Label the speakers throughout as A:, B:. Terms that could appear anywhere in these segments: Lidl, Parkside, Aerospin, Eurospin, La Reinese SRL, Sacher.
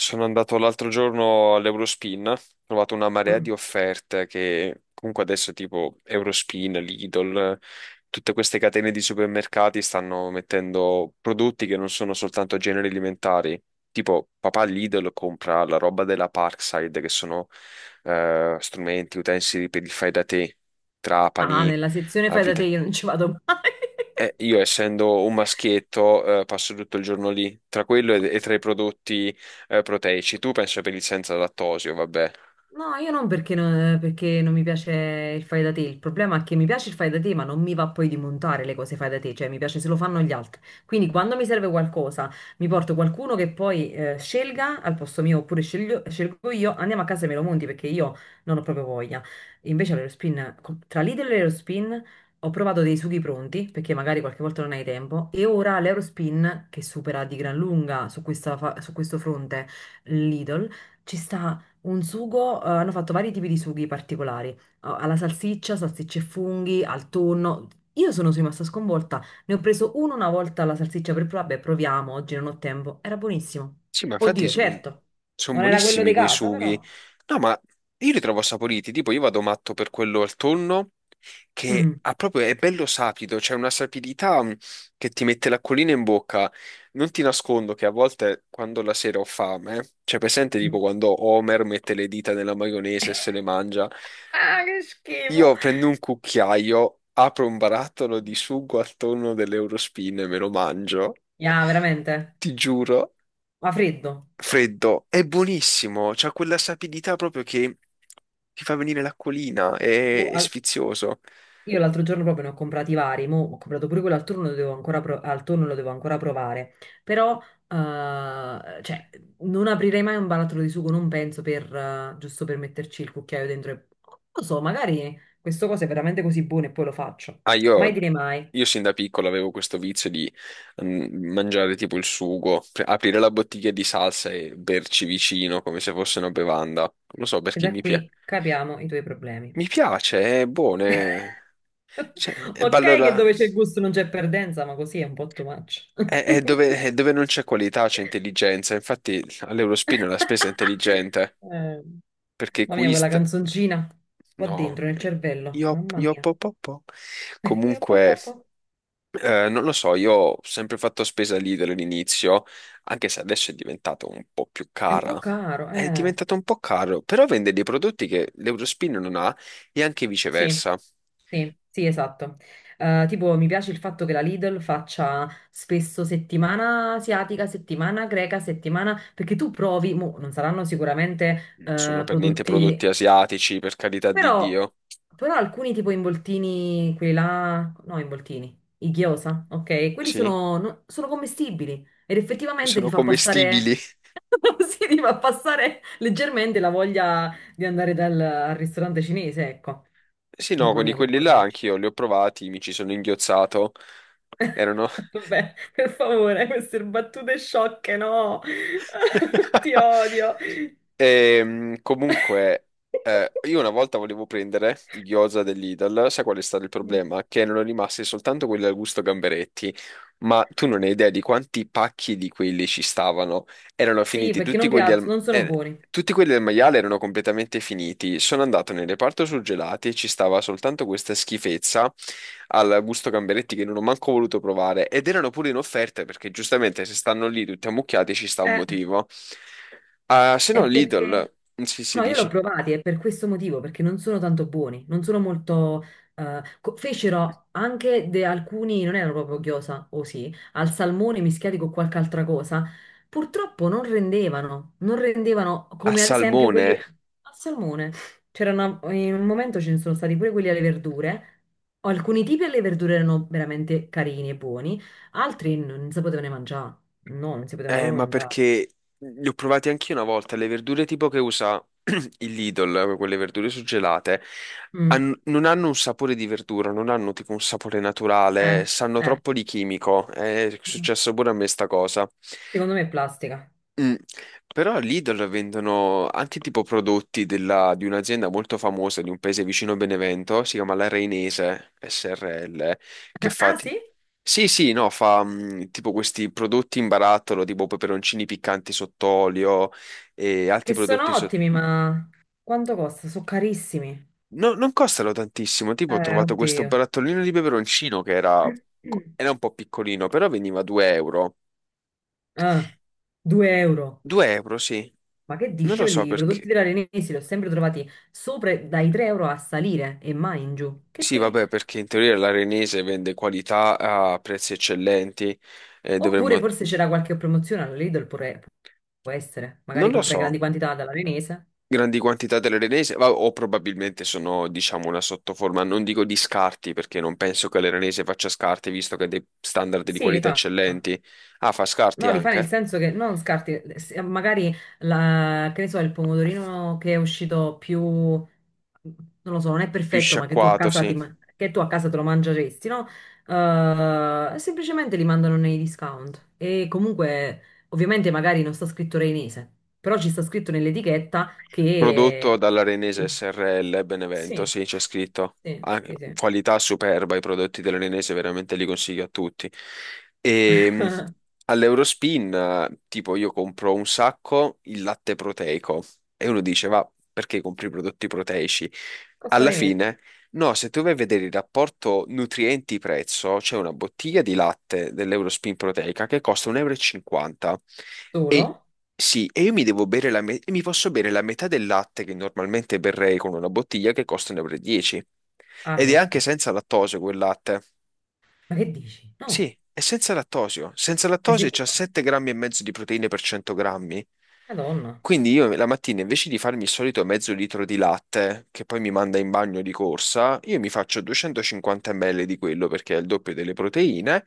A: Sono andato l'altro giorno all'Eurospin, ho trovato una marea di
B: Mm.
A: offerte che comunque adesso tipo Eurospin, Lidl, tutte queste catene di supermercati stanno mettendo prodotti che non sono soltanto generi alimentari. Tipo papà Lidl compra la roba della Parkside che sono strumenti, utensili per il fai da te,
B: Ah,
A: trapani,
B: nella sezione fai da te
A: avvite.
B: io non ci vado mai.
A: Io essendo un maschietto, passo tutto il giorno lì, tra quello e tra i prodotti, proteici. Tu penso per il senza lattosio, vabbè.
B: No, io non perché non, perché non mi piace il fai da te. Il problema è che mi piace il fai da te, ma non mi va poi di montare le cose fai da te, cioè mi piace se lo fanno gli altri. Quindi quando mi serve qualcosa, mi porto qualcuno che poi scelga al posto mio, oppure scelgo io, andiamo a casa e me lo monti perché io non ho proprio voglia. Invece all'Aerospin, tra Lidl e l'Aerospin ho provato dei sughi pronti, perché magari qualche volta non hai tempo, e ora l'Aerospin, che supera di gran lunga su questa su questo fronte Lidl, ci sta un sugo, hanno fatto vari tipi di sughi particolari, alla salsiccia, salsicce e funghi, al tonno. Io sono rimasta sconvolta, ne ho preso uno una volta alla salsiccia per provare, "Beh, proviamo, oggi non ho tempo. Era buonissimo."
A: Sì, ma infatti
B: Oddio, certo,
A: sono
B: non era quello
A: buonissimi
B: di
A: quei
B: casa,
A: sughi.
B: però.
A: No, ma io li trovo saporiti, tipo io vado matto per quello al tonno, che
B: Mm.
A: ha proprio, è bello sapido, c'è una sapidità che ti mette l'acquolina in bocca. Non ti nascondo che a volte quando la sera ho fame, cioè presente tipo
B: Mm.
A: quando Homer mette le dita nella maionese e se le mangia,
B: Ah, che schifo!
A: io prendo un cucchiaio, apro un barattolo di sugo al tonno dell'Eurospin e me lo mangio.
B: Yeah, veramente?
A: Ti giuro,
B: Ma freddo.
A: freddo, è buonissimo, c'ha quella sapidità proprio che ti fa venire l'acquolina, è,
B: Boh,
A: è sfizioso.
B: io l'altro giorno proprio ne ho comprati vari, mo ho comprato pure quello al turno, lo devo ancora al tonno lo devo ancora provare, però cioè, non aprirei mai un barattolo di sugo, non penso per, giusto per metterci il cucchiaio dentro e non lo so, magari questo cosa è veramente così buono e poi lo faccio.
A: Ah,
B: Mai
A: io,
B: dire mai,
A: io sin da piccolo avevo questo vizio di mangiare tipo il sugo, aprire la bottiglia di salsa e berci vicino come se fosse una bevanda. Non lo so
B: e
A: perché
B: da
A: mi piace.
B: qui capiamo i tuoi problemi.
A: Mi piace, è buono. Cioè, e beh,
B: Ok che
A: allora
B: dove c'è gusto non c'è perdenza, ma così è un po' too much.
A: è, è dove, è dove non c'è qualità, c'è intelligenza. Infatti all'Eurospin la spesa è intelligente,
B: Eh,
A: perché
B: mamma mia, quella
A: Quist,
B: canzoncina qua
A: no,
B: dentro nel cervello,
A: io,
B: mamma
A: io
B: mia.
A: po, po, po.
B: Io, po, po,
A: Comunque,
B: po.
A: non lo so, io ho sempre fatto spesa lì dall'inizio, anche se adesso è diventato un po' più
B: È un po'
A: cara.
B: caro,
A: È
B: eh.
A: diventato un po' caro, però vende dei prodotti che l'Eurospin non ha e anche
B: Sì,
A: viceversa.
B: sì, sì, esatto. Tipo, mi piace il fatto che la Lidl faccia spesso settimana asiatica, settimana greca, settimana... Perché tu provi, mo, non saranno sicuramente
A: Sono per niente
B: prodotti.
A: prodotti asiatici, per carità di
B: Però,
A: Dio.
B: però alcuni tipo involtini, quelli là, no, involtini, i gyoza, ok? Quelli
A: Sì?
B: sono, sono commestibili ed effettivamente ti
A: Sono
B: fa
A: commestibili.
B: passare, sì, ti fa passare leggermente la voglia di andare al ristorante cinese, ecco.
A: Sì, no,
B: Mamma
A: quindi
B: mia, che
A: quelli
B: voglia
A: là
B: del cinese.
A: anch'io li ho provati, mi ci sono inghiozzato. Erano...
B: Vabbè, per favore, queste battute sciocche, no? Ti odio.
A: Comunque, io una volta volevo prendere i gyoza dell'Idal, sai qual è stato il
B: Mm.
A: problema? Che erano rimasti soltanto quelli al gusto gamberetti, ma tu non hai idea di quanti pacchi di quelli ci stavano. Erano
B: Sì,
A: finiti
B: perché
A: tutti
B: non
A: quelli
B: piacciono, non sono buoni.
A: tutti quelli del maiale erano completamente finiti. Sono andato nel reparto surgelati e ci stava soltanto questa schifezza al gusto gamberetti che non ho manco voluto provare. Ed erano pure in offerta perché giustamente se stanno lì tutti ammucchiati ci sta un
B: Eh,
A: motivo. Ah, se no
B: è perché...
A: Lidl, sì, si
B: No, io l'ho
A: dici.
B: provati e per questo motivo, perché non sono tanto buoni, non sono molto... fecero anche alcuni, non erano proprio ghiosa, o sì, al salmone mischiati con qualche altra cosa. Purtroppo non rendevano, non rendevano
A: Al
B: come ad esempio quelli
A: salmone?
B: al salmone. C'era in un momento ce ne sono stati pure quelli alle verdure. Alcuni tipi alle verdure erano veramente carini e buoni, altri non si potevano mangiare. No, non si potevano proprio
A: Ma
B: mangiare.
A: perché li ho provati anch'io una volta, le verdure tipo che usa il Lidl, quelle verdure suggelate,
B: Mm,
A: non hanno un sapore di verdura, non hanno tipo un sapore naturale,
B: eh,
A: sanno
B: eh.
A: troppo di chimico, è successo pure a me sta cosa.
B: Secondo me è plastica.
A: Mm. Però Lidl vendono anche tipo prodotti di un'azienda molto famosa di un paese vicino a Benevento, si chiama La Reinese SRL, che fa...
B: Ah, sì?
A: Sì, sì, no, fa tipo questi prodotti in barattolo, tipo peperoncini piccanti sott'olio e
B: Che
A: altri prodotti
B: sono
A: sotto...
B: ottimi, ma quanto costa? Sono carissimi.
A: No, non costano tantissimo, tipo ho trovato questo
B: Oddio.
A: barattolino di peperoncino che era, era un po' piccolino, però veniva 2 euro.
B: Ah, 2 euro.
A: 2 euro, sì.
B: Ma che
A: Non
B: dici?
A: lo so
B: I prodotti
A: perché.
B: dell'Arenesi li ho sempre trovati sopra dai 3 euro a salire e mai in giù.
A: Sì, vabbè, perché in teoria l'arenese vende qualità a prezzi eccellenti e
B: Oppure
A: dovremmo,
B: forse c'era qualche promozione alla Lidl, può essere.
A: non
B: Magari
A: lo
B: compra in
A: so,
B: grandi quantità dall'Arenese.
A: grandi quantità dell'arenese, o probabilmente sono, diciamo, una sottoforma, non dico di scarti, perché non penso che l'arenese faccia scarti, visto che ha dei standard di
B: Sì, li
A: qualità
B: fa.
A: eccellenti. Ah, fa scarti
B: No, li fa nel
A: anche?
B: senso che non scarti, magari la, che ne so, il pomodorino che è uscito più, non lo so, non è
A: Più
B: perfetto, ma che tu a
A: sciacquato,
B: casa,
A: sì.
B: che tu a casa te lo mangeresti, no? Semplicemente li mandano nei discount. E comunque, ovviamente, magari non sta scritto reinese, però ci sta scritto nell'etichetta
A: Prodotto
B: che...
A: dall'Arenese
B: Sì,
A: SRL Benevento,
B: sì,
A: sì, c'è scritto.
B: sì,
A: Ah,
B: sì, sì.
A: qualità superba, i prodotti dell'Arenese veramente li consiglio a tutti. E all'Eurospin, tipo, io compro un sacco il latte proteico e uno dice, va, perché compri i prodotti proteici?
B: Costa
A: Alla
B: di meno.
A: fine. No, se tu vai a vedere il rapporto nutrienti-prezzo, c'è una bottiglia di latte dell'Eurospin Proteica che costa 1,50 euro. E 50. E
B: Solo?
A: sì, e io mi devo bere e mi posso bere la metà del latte che normalmente berrei con una bottiglia che costa 1,10 euro. E 10.
B: Ah,
A: Ed è anche
B: certo.
A: senza lattosio quel latte.
B: Ma che dici?
A: Sì,
B: No,
A: è senza lattosio. Senza
B: sei
A: lattosio c'ha
B: sicuro?
A: 7 grammi e mezzo di proteine per 100 grammi.
B: Madonna.
A: Quindi io la mattina invece di farmi il solito mezzo litro di latte, che poi mi manda in bagno di corsa, io mi faccio 250 ml di quello perché è il doppio delle proteine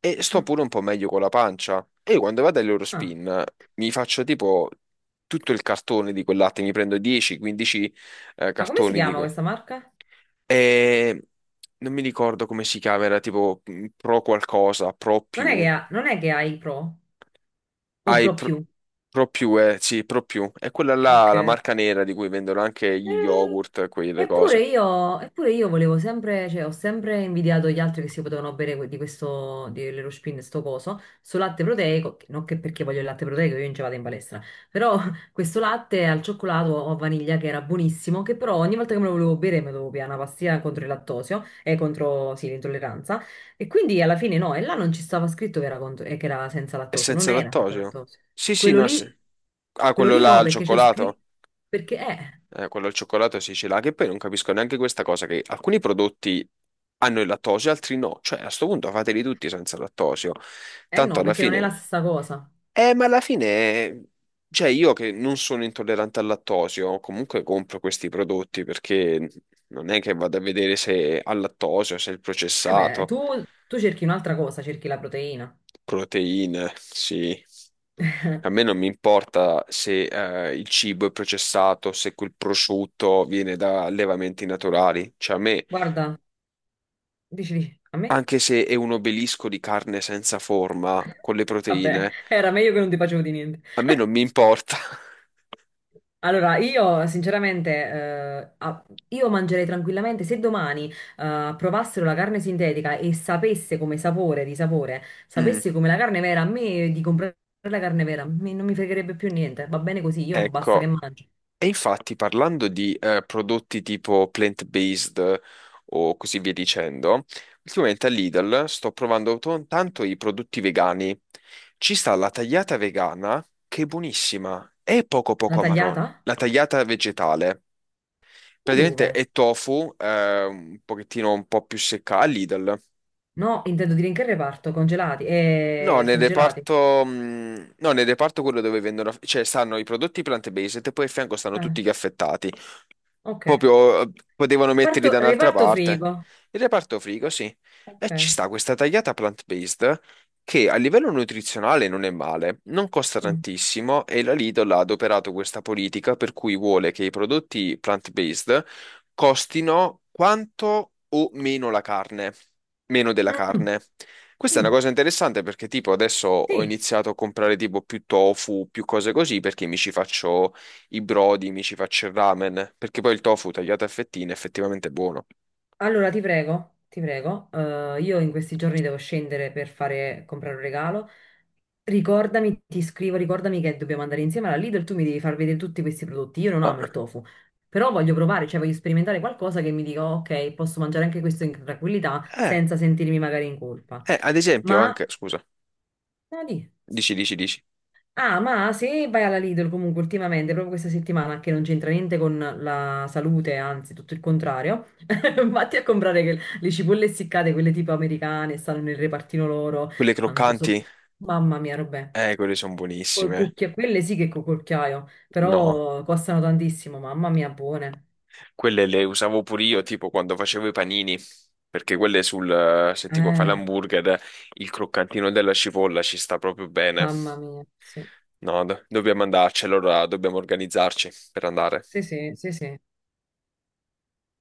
A: e sto
B: Mm.
A: pure un po' meglio con la pancia. E io quando vado
B: Ah.
A: all'Eurospin mi faccio tipo tutto il cartone di quel latte, mi prendo 10-15
B: Ma come si
A: cartoni di
B: chiama
A: quel...
B: questa marca?
A: E non mi ricordo come si chiama, era tipo Pro qualcosa, Pro
B: Non è che
A: più.
B: ha, non è che hai Pro o
A: Hai
B: Pro
A: Pro,
B: più.
A: Pro più, sì, Pro più. È quella là, la
B: Ok.
A: marca nera di cui vendono anche gli
B: Eh,
A: yogurt, quelle
B: Eppure
A: cose.
B: io, eppure io volevo sempre, cioè ho sempre invidiato gli altri che si potevano bere di questo, di Lerospin, sto coso, sto latte proteico, non che perché voglio il latte proteico, io non ci vado in palestra, però questo latte al cioccolato o a vaniglia che era buonissimo, che però ogni volta che me lo volevo bere mi dovevo pigliare una pastiglia contro il lattosio e contro, sì, l'intolleranza, e quindi alla fine no, e là non ci stava scritto che era, che era senza
A: È
B: lattosio, non
A: senza
B: era senza
A: lattosio?
B: lattosio.
A: Sì, sì,
B: Quello
A: no, è
B: lì,
A: se- Ah,
B: quello
A: quello
B: lì
A: là
B: no,
A: al
B: perché c'è
A: cioccolato?
B: scritto, perché è...
A: Quello al cioccolato sì, ce l'ha, che poi non capisco neanche questa cosa, che alcuni prodotti hanno il lattosio, altri no. Cioè, a sto punto fateli tutti senza lattosio.
B: Eh
A: Tanto
B: no,
A: alla
B: perché non è la
A: fine...
B: stessa cosa.
A: Ma alla fine, cioè io che non sono intollerante al lattosio, comunque compro questi prodotti perché non è che vado a vedere se ha lattosio, se è il
B: Eh beh,
A: processato,
B: tu cerchi un'altra cosa, cerchi la proteina.
A: proteine, sì. A me non mi importa se il cibo è processato, se quel prosciutto viene da allevamenti naturali. Cioè a me,
B: Guarda, dici, dici, a me?
A: anche se è un obelisco di carne senza forma, con le
B: Vabbè,
A: proteine,
B: era meglio che non ti facevo di niente.
A: a me non mi importa.
B: Allora, io sinceramente, io mangerei tranquillamente, se domani provassero la carne sintetica e sapesse come sapore di sapore,
A: Mm,
B: sapesse come la carne vera, a me di comprare la carne vera, non mi fregherebbe più niente, va bene così, io basta che
A: ecco.
B: mangio.
A: E infatti, parlando di prodotti tipo plant-based o così via dicendo, ultimamente a Lidl sto provando tanto i prodotti vegani. Ci sta la tagliata vegana, che è buonissima, è poco
B: La
A: poco marrone.
B: tagliata?
A: La tagliata vegetale,
B: Ma
A: praticamente
B: dove?
A: è tofu, un pochettino un po' più secca a Lidl.
B: No, intendo dire in che reparto? Congelati
A: No,
B: e
A: nel
B: surgelati.
A: reparto, no, nel reparto quello dove vendono, cioè stanno i prodotti plant-based e poi a fianco stanno
B: Ah,
A: tutti gli affettati.
B: ok.
A: Proprio potevano metterli da un'altra
B: Reparto
A: parte.
B: frigo.
A: Il reparto frigo, sì. E
B: Ok.
A: ci sta questa tagliata plant-based che a livello nutrizionale non è male, non costa
B: Mm.
A: tantissimo e la Lidl ha adoperato questa politica per cui vuole che i prodotti plant-based costino quanto o meno la carne, meno della
B: Mm, mm.
A: carne. Questa è una
B: Mm.
A: cosa interessante perché tipo adesso ho
B: Sì,
A: iniziato a comprare tipo più tofu, più cose così perché mi ci faccio i brodi, mi ci faccio il ramen, perché poi il tofu tagliato a fettine è effettivamente è buono.
B: allora ti prego, ti prego. Io in questi giorni devo scendere per fare, comprare un regalo. Ricordami, ti scrivo, ricordami che dobbiamo andare insieme alla Lidl, tu mi devi far vedere tutti questi prodotti. Io non amo il
A: Ah,
B: tofu, però voglio provare, cioè voglio sperimentare qualcosa che mi dica, ok, posso mangiare anche questo in tranquillità
A: eh,
B: senza sentirmi magari in colpa.
A: ad esempio
B: Ma,
A: anche, scusa,
B: no, di.
A: dici, dici, dici,
B: Ah, ma se vai alla Lidl comunque ultimamente, proprio questa settimana, che non c'entra niente con la salute, anzi tutto il contrario, vatti a comprare le cipolle essiccate, quelle tipo americane, stanno nel repartino loro,
A: quelle
B: quanto so...
A: croccanti,
B: Mamma mia, robè.
A: quelle sono
B: Col
A: buonissime,
B: cucchiaio, quelle sì che col cucchiaio,
A: no,
B: però costano tantissimo, mamma mia, buone.
A: quelle le usavo pure io, tipo quando facevo i panini, perché quelle sul, se tipo fai
B: Eh,
A: l'hamburger, il croccantino della cipolla ci sta proprio bene,
B: mamma mia, sì.
A: no, dobbiamo andarci, allora dobbiamo organizzarci per andare.
B: Sì, sì, sì, sì.